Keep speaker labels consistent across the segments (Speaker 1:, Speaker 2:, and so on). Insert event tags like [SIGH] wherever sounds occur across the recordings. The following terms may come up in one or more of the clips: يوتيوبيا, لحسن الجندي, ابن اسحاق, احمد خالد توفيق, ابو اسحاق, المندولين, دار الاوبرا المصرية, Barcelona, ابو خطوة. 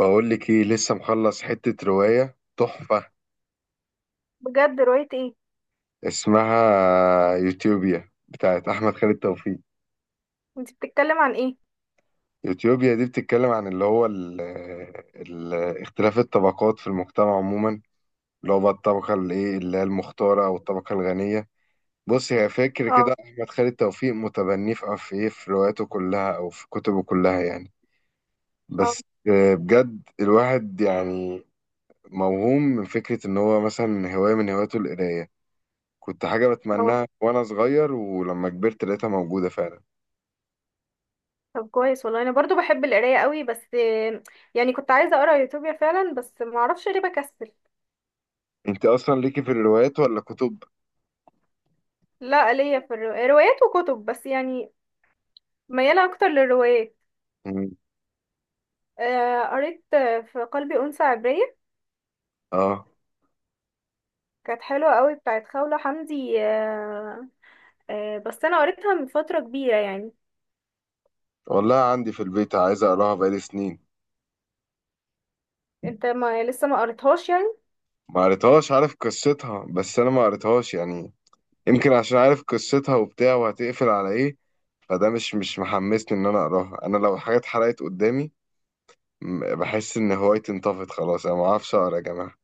Speaker 1: بقول لك ايه، لسه مخلص حتة رواية تحفة.
Speaker 2: بجد رواية ايه؟
Speaker 1: اسمها يوتيوبيا، بتاعت احمد خالد توفيق.
Speaker 2: انت بتتكلم عن ايه؟
Speaker 1: يوتيوبيا دي بتتكلم عن اللي هو ال ال اختلاف الطبقات في المجتمع عموما، اللي هو بقى الطبقة اللي ايه، اللي هي المختارة او الطبقة الغنية. بص، هي فاكر
Speaker 2: اه.
Speaker 1: كده احمد خالد توفيق متبني في ايه، في رواياته كلها او في كتبه كلها يعني.
Speaker 2: اه.
Speaker 1: بس بجد الواحد يعني موهوم من فكرة ان هو مثلا هواية من هواياته القراية. كنت حاجة
Speaker 2: اه.
Speaker 1: بتمناها وأنا صغير، ولما كبرت لقيتها موجودة فعلا.
Speaker 2: طب كويس والله، انا برضو بحب القراية قوي بس يعني كنت عايزة اقرا يوتوبيا فعلا بس ما اعرفش ليه بكسل.
Speaker 1: أنت أصلا ليكي في الروايات ولا كتب؟
Speaker 2: لا، ليا في روايات وكتب بس يعني ميالة اكتر للروايات.
Speaker 1: مم.
Speaker 2: قريت في قلبي أنثى عبرية،
Speaker 1: آه،
Speaker 2: كانت حلوة قوي بتاعت خولة حمدي. بس انا قريتها من فترة كبيرة يعني.
Speaker 1: والله عندي في البيت، عايز أقراها بقالي سنين.
Speaker 2: انت ما لسه ما قريتهاش يعني؟
Speaker 1: ما قريتهاش، عارف قصتها، بس أنا ما قريتهاش يعني. يمكن عشان عارف قصتها وبتاع وهتقفل على إيه، فده مش محمسني إن أنا أقراها. أنا لو الحاجة اتحرقت قدامي، بحس إن هوايتي انطفت خلاص، أنا ما أعرفش أقرا يا جماعة.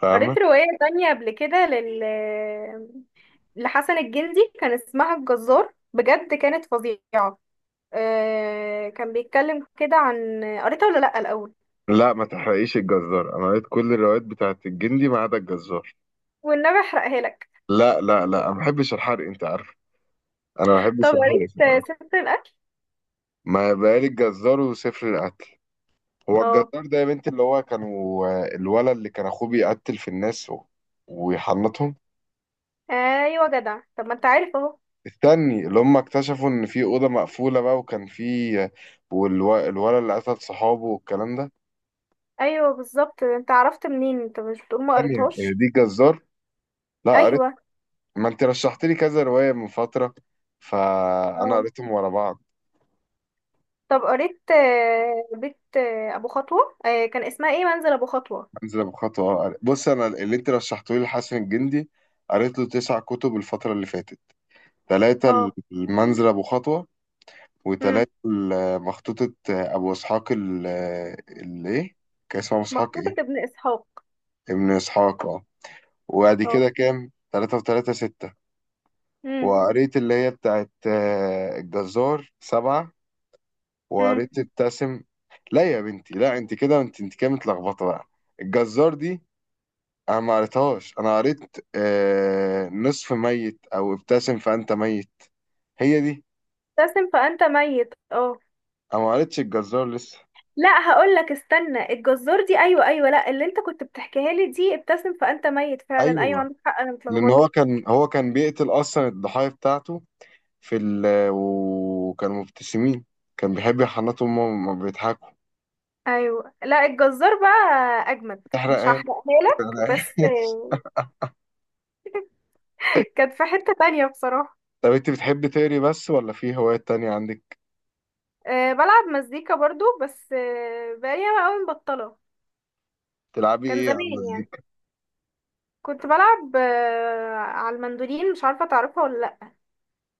Speaker 1: فاهمة؟
Speaker 2: قريت رواية تانية قبل كده لحسن الجندي، كان اسمها الجزار، بجد كانت فظيعة. كان بيتكلم كده، عن قريتها ولا لأ الأول؟
Speaker 1: لا ما تحرقيش الجزار، أنا قريت كل الروايات بتاعت الجندي ما عدا الجزار.
Speaker 2: والنبي احرقها لك.
Speaker 1: لا لا لا، أنا ما بحبش الحرق أنت عارف. أنا ما
Speaker 2: طب
Speaker 1: بحبش الحرق
Speaker 2: قريت
Speaker 1: في الأكل.
Speaker 2: ست الأكل؟
Speaker 1: ما بقالي الجزار وسفر القتل. هو الجزار
Speaker 2: اه.
Speaker 1: ده يا بنتي اللي هو كانوا، الولد اللي كان أخوه بيقتل في الناس ويحنطهم.
Speaker 2: ايوه جدع، طب ما انت عارف اهو.
Speaker 1: استني، اللي هم اكتشفوا إن في أوضة مقفولة بقى وكان في، والولد اللي قتل صحابه والكلام ده.
Speaker 2: ايوه بالظبط، انت عرفت منين؟ انت مش بتقول ما
Speaker 1: ثانية، هي
Speaker 2: قريتهاش؟
Speaker 1: دي جزار؟ لا قريت،
Speaker 2: ايوه.
Speaker 1: ما أنت رشحت لي كذا رواية من فترة، فأنا
Speaker 2: اه.
Speaker 1: قريتهم ورا بعض.
Speaker 2: طب قريت بيت ابو خطوة كان اسمها ايه، منزل ابو خطوة.
Speaker 1: انزل بخطوة بص، انا اللي انت رشحته لي لحسن الجندي، قريت له 9 كتب الفترة اللي فاتت. ثلاثة
Speaker 2: اه.
Speaker 1: المنزل ابو خطوة،
Speaker 2: امم
Speaker 1: وثلاثة مخطوطة ابو اسحاق اللي ايه، كان اسمه ابو اسحاق
Speaker 2: مخطوطة
Speaker 1: ايه.
Speaker 2: ابن اسحاق.
Speaker 1: ابن اسحاق اه. وبعد
Speaker 2: اه.
Speaker 1: كده كام؟ ثلاثة وثلاثة ستة. وقريت اللي هي بتاعت الجزار سبعة.
Speaker 2: مم.
Speaker 1: وقريت ابتسم. لا يا بنتي لا، انت كده انت كده متلخبطة بقى. الجزار دي انا ما قريتهاش، انا قريت آه نصف ميت او ابتسم فانت ميت، هي دي.
Speaker 2: ابتسم فأنت ميت. اه.
Speaker 1: انا ما قريتش الجزار لسه.
Speaker 2: لا، هقول لك استنى، الجزار دي ايوه ايوه، لا اللي انت كنت بتحكيها لي دي ابتسم فأنت ميت فعلا، ايوه
Speaker 1: ايوه،
Speaker 2: عندك حق انا
Speaker 1: لان
Speaker 2: متلخبطه.
Speaker 1: هو كان بيقتل اصلا الضحايا بتاعته في وكانوا مبتسمين، كان بيحب يحنطهم وهم بيضحكوا.
Speaker 2: ايوه. لا الجزار بقى اجمد،
Speaker 1: احرق
Speaker 2: مش
Speaker 1: ايه،
Speaker 2: هحرقها
Speaker 1: احرق
Speaker 2: لك
Speaker 1: ايه.
Speaker 2: بس.
Speaker 1: [LAUGHS]
Speaker 2: [LAUGHS] كانت في حتة تانية بصراحة.
Speaker 1: طب انت بتحبي تقري بس ولا في هوايات تانية عندك؟
Speaker 2: أه، بلعب مزيكا برضو بس بقالي ياما قوي مبطلة.
Speaker 1: تلعبي
Speaker 2: كان
Speaker 1: ايه
Speaker 2: زمان
Speaker 1: على
Speaker 2: يعني،
Speaker 1: المزيكا؟
Speaker 2: كنت بلعب على المندولين، مش عارفة تعرفها ولا لأ؟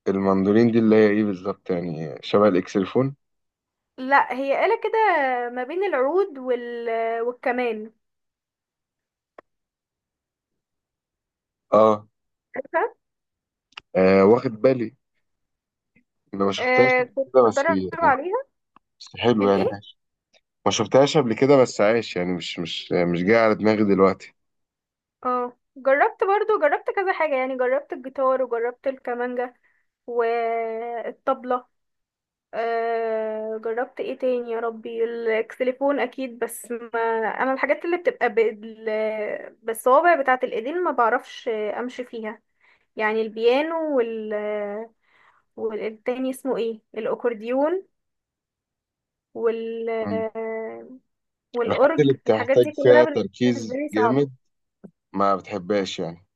Speaker 1: المندولين دي اللي هي ايه بالظبط، يعني شبه الاكسلفون؟
Speaker 2: لأ، هي آلة كده ما بين العود والكمان.
Speaker 1: اه واخد بالي، انا ما شفتهاش
Speaker 2: آه
Speaker 1: قبل
Speaker 2: كنت
Speaker 1: كده بس
Speaker 2: بتدرب
Speaker 1: يعني.
Speaker 2: عليها.
Speaker 1: بس حلو يعني،
Speaker 2: الايه؟
Speaker 1: ما شفتهاش قبل كده بس عايش يعني، مش جاي على دماغي دلوقتي.
Speaker 2: اه جربت برضو، جربت كذا حاجة يعني، جربت الجيتار وجربت الكمانجة والطبلة. آه، جربت ايه تاني يا ربي؟ الاكسليفون اكيد. بس ما انا، الحاجات اللي بتبقى بالصوابع بتاعة الايدين ما بعرفش امشي فيها، يعني البيانو والتاني اسمه ايه، الاكورديون وال
Speaker 1: مم. الحاجات
Speaker 2: والأورج،
Speaker 1: اللي
Speaker 2: الحاجات
Speaker 1: بتحتاج
Speaker 2: دي كلها
Speaker 1: فيها
Speaker 2: بالنسبة
Speaker 1: تركيز
Speaker 2: لي
Speaker 1: جامد
Speaker 2: صعبة.
Speaker 1: ما بتحبهاش يعني.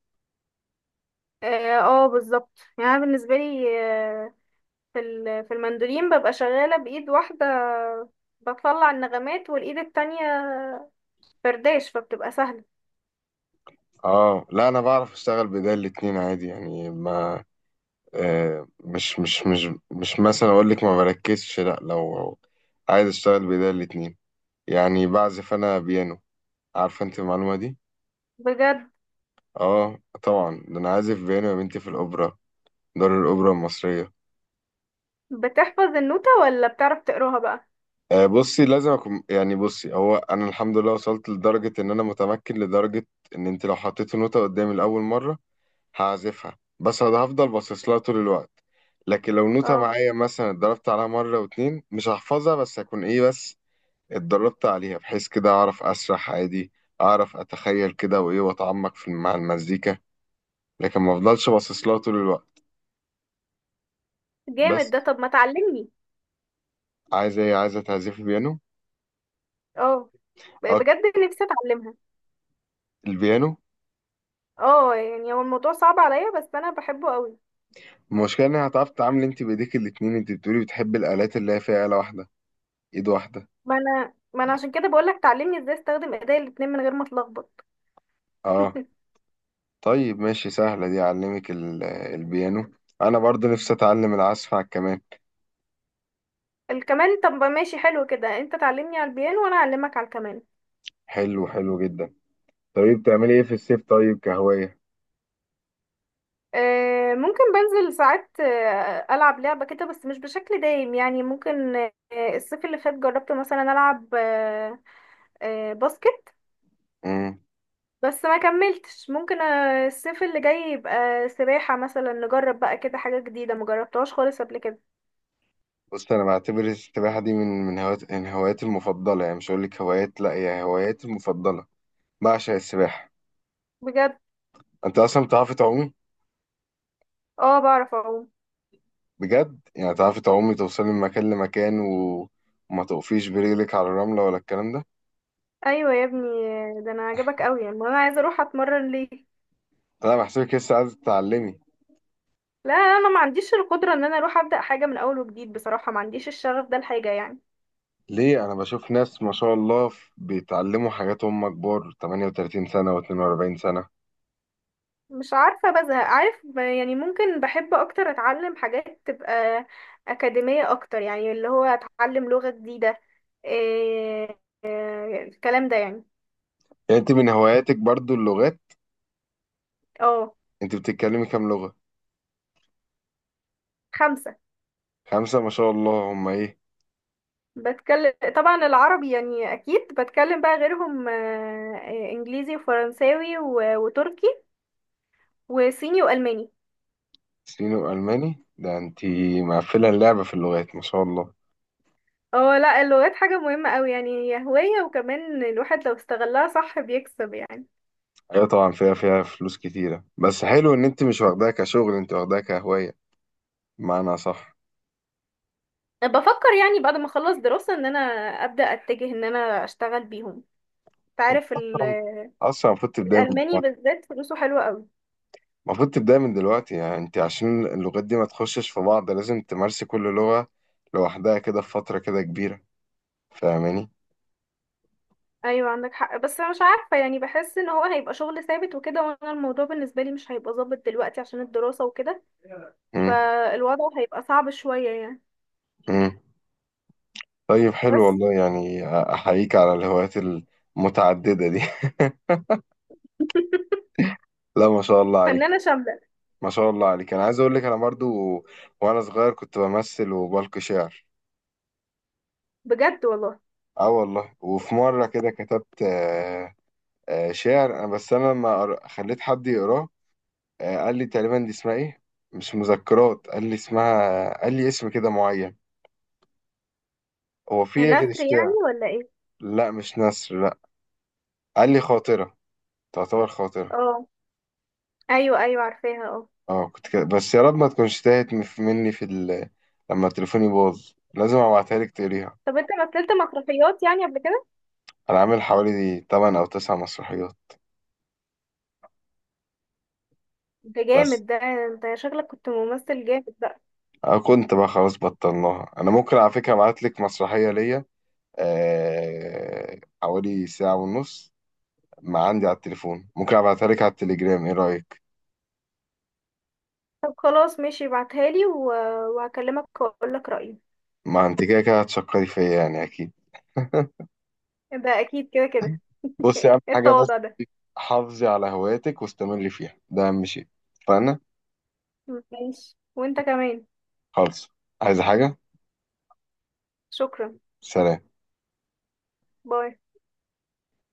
Speaker 2: اه بالظبط يعني، أنا بالنسبه لي في المندولين ببقى شغاله بايد واحده بطلع النغمات، والايد التانية فرداش، فبتبقى سهله.
Speaker 1: اه لا، انا بعرف اشتغل بإيديا الاتنين عادي يعني ما آه، مش مثلا اقول لك ما بركزش، لا لو عايز اشتغل بإيديا الاتنين يعني، بعزف انا بيانو. عارفه انت المعلومه دي؟
Speaker 2: بجد؟
Speaker 1: اه طبعا، ده انا عازف بيانو يا بنتي في الاوبرا، دار الاوبرا المصريه.
Speaker 2: بتحفظ النوتة ولا بتعرف تقراها بقى؟
Speaker 1: بصي لازم اكون يعني، بصي هو انا الحمد لله وصلت لدرجه ان انا متمكن لدرجه ان انت لو حطيتي نوته قدامي لاول مره هعزفها، بس انا هفضل باصص لها طول الوقت. لكن لو نوته
Speaker 2: اه
Speaker 1: معايا مثلا اتدربت عليها مره واتنين، مش هحفظها بس هكون ايه، بس اتدربت عليها بحيث كده اعرف اسرح عادي، اعرف اتخيل كده وايه واتعمق في مع المزيكا، لكن ما افضلش باصص لها طول الوقت.
Speaker 2: جامد
Speaker 1: بس
Speaker 2: ده، طب ما تعلمني.
Speaker 1: عايزه ايه، عايزه تعزفي بيانو؟
Speaker 2: اه
Speaker 1: اه
Speaker 2: بجد، نفسي اتعلمها.
Speaker 1: البيانو.
Speaker 2: اه يعني هو الموضوع صعب عليا بس انا بحبه قوي.
Speaker 1: المشكلة إن هتعرف تتعامل أنت بإيديك الاتنين. أنت بتقولي بتحبي الآلات اللي هي فيها آلة واحدة، إيد واحدة.
Speaker 2: ما انا عشان كده بقولك تعلمني ازاي استخدم ايديا الاتنين من غير ما اتلخبط. [LAUGHS]
Speaker 1: أه طيب ماشي، سهلة دي، أعلمك البيانو. أنا برضو نفسي أتعلم العزف على الكمان.
Speaker 2: الكمان، طب ماشي حلو كده، انت تعلمني على البيانو وانا اعلمك على الكمان.
Speaker 1: حلو، حلو جدا. طيب بتعملي إيه في الصيف طيب كهواية؟
Speaker 2: ممكن بنزل ساعات ألعب لعبة كده بس مش بشكل دايم يعني. ممكن الصيف اللي فات جربت مثلا ألعب باسكت.
Speaker 1: مم.
Speaker 2: بس ما كملتش. ممكن الصيف اللي جاي يبقى سباحة مثلا، نجرب بقى كده حاجة جديدة مجربتهاش خالص قبل كده.
Speaker 1: بص أنا بعتبر السباحة دي من هوايات من هواياتي المفضلة، يعني مش هقولك هوايات، لأ هي هواياتي المفضلة. بعشق السباحة.
Speaker 2: بجد؟
Speaker 1: أنت أصلا بتعرفي تعومي؟
Speaker 2: اه بعرف اعوم.
Speaker 1: بجد؟ يعني تعرفي تعومي توصلي من مكان لمكان، و... وما تقفيش برجلك على الرملة ولا الكلام ده؟
Speaker 2: ايوه يا ابني. ده انا عجبك قوي يعني، ما انا عايزه اروح اتمرن ليه.
Speaker 1: انا بحسبك لسه عايز تتعلمي.
Speaker 2: لا انا ما عنديش القدره ان انا اروح ابدا حاجه من اول وجديد، بصراحه ما عنديش الشغف ده الحاجه يعني.
Speaker 1: ليه، انا بشوف ناس ما شاء الله بيتعلموا حاجات هم كبار، 38 سنة و42 سنة.
Speaker 2: مش عارفة، بزهق عارف يعني ممكن بحب أكتر أتعلم حاجات تبقى أكاديمية أكتر، يعني اللي هو أتعلم لغة جديدة، إيه إيه الكلام ده يعني.
Speaker 1: يعني انت من هواياتك برضو اللغات؟
Speaker 2: اه.
Speaker 1: انت بتتكلمي كام لغة؟
Speaker 2: خمسة.
Speaker 1: خمسة ما شاء الله، هم ايه؟
Speaker 2: بتكلم طبعا العربي يعني، أكيد بتكلم بقى غيرهم آه، إيه، إنجليزي وفرنساوي وتركي وصيني وألماني.
Speaker 1: صيني والماني، ده انت مقفلة اللعبة في اللغات ما شاء الله.
Speaker 2: اه، لا اللغات حاجة مهمة أوي يعني، هي هواية، وكمان الواحد لو استغلها صح بيكسب يعني.
Speaker 1: ايوه طبعا، فيها فلوس كتيرة، بس حلو ان انت مش واخداها كشغل، انت واخداها كهواية، بمعنى صح.
Speaker 2: بفكر يعني بعد ما اخلص دراسة ان انا ابدأ اتجه ان انا اشتغل بيهم،
Speaker 1: انت
Speaker 2: تعرف.
Speaker 1: اصلا، اصلا المفروض تبداي،
Speaker 2: الالماني بالذات فلوسه حلوة قوي.
Speaker 1: المفروض تبدأ من دلوقتي يعني، انت عشان اللغات دي ما تخشش في بعض لازم تمارسي كل لغة لوحدها كده في فترة كده كبيرة. فاهماني؟
Speaker 2: ايوه عندك حق، بس انا مش عارفة يعني، بحس ان هو هيبقى شغل ثابت وكده، وانا الموضوع بالنسبة لي مش هيبقى ظابط دلوقتي عشان الدراسة وكده،
Speaker 1: مم.
Speaker 2: فالوضع هيبقى صعب شوية يعني.
Speaker 1: مم. طيب حلو
Speaker 2: بس.
Speaker 1: والله يعني، أحييك على الهوايات المتعددة دي. [LAUGHS] لا ما شاء الله عليك.
Speaker 2: فنانة شاملة.
Speaker 1: ما شاء الله عليك، أنا عايز أقول لك أنا برضو وأنا صغير كنت بمثل وبلقي شعر.
Speaker 2: بجد والله.
Speaker 1: اه والله، وفي مرة كده كتبت شعر، أنا- بس أنا لما قر- خليت حد يقراه. قال لي تقريبا دي اسمها ايه، مش مذكرات، قال لي اسمها، قال لي اسم كده معين. هو في إيه غير
Speaker 2: نثر يعني
Speaker 1: الشعر؟
Speaker 2: ولا ايه؟
Speaker 1: لا مش نثر، لا. قال لي خاطرة، تعتبر خاطرة.
Speaker 2: اه ايوه ايوه عارفاها اه.
Speaker 1: اه كنت كده، بس يا رب ما تكونش تاهت مني في لما تليفوني باظ لازم ابعتها لك تقريها.
Speaker 2: طب انت مثلت مسرحيات يعني قبل كده؟
Speaker 1: انا عامل حوالي 8 او 9 مسرحيات.
Speaker 2: ده
Speaker 1: بس
Speaker 2: جامد، ده انت شكلك كنت ممثل جامد.
Speaker 1: أنا كنت بقى خلاص بطلناها. انا ممكن على فكرة ابعت لك مسرحية ليا، حوالي ساعة ونص، ما عندي على التليفون، ممكن ابعتها لك على التليجرام، ايه رأيك؟
Speaker 2: طب خلاص ماشي، ابعتها لي وهكلمك واقول لك رأيي.
Speaker 1: ما انت كده كده هتشكري فيا يعني اكيد. [LAUGHS]
Speaker 2: ده اكيد كده كده. [LAUGHS]
Speaker 1: بصي
Speaker 2: ايه
Speaker 1: اهم حاجه، بس
Speaker 2: التواضع ده.
Speaker 1: حافظي على هواياتك واستمري فيها، ده اهم شيء. فانا
Speaker 2: ماشي، وانت كمان.
Speaker 1: خالص، عايزه حاجه؟
Speaker 2: شكرا.
Speaker 1: سلام.
Speaker 2: باي.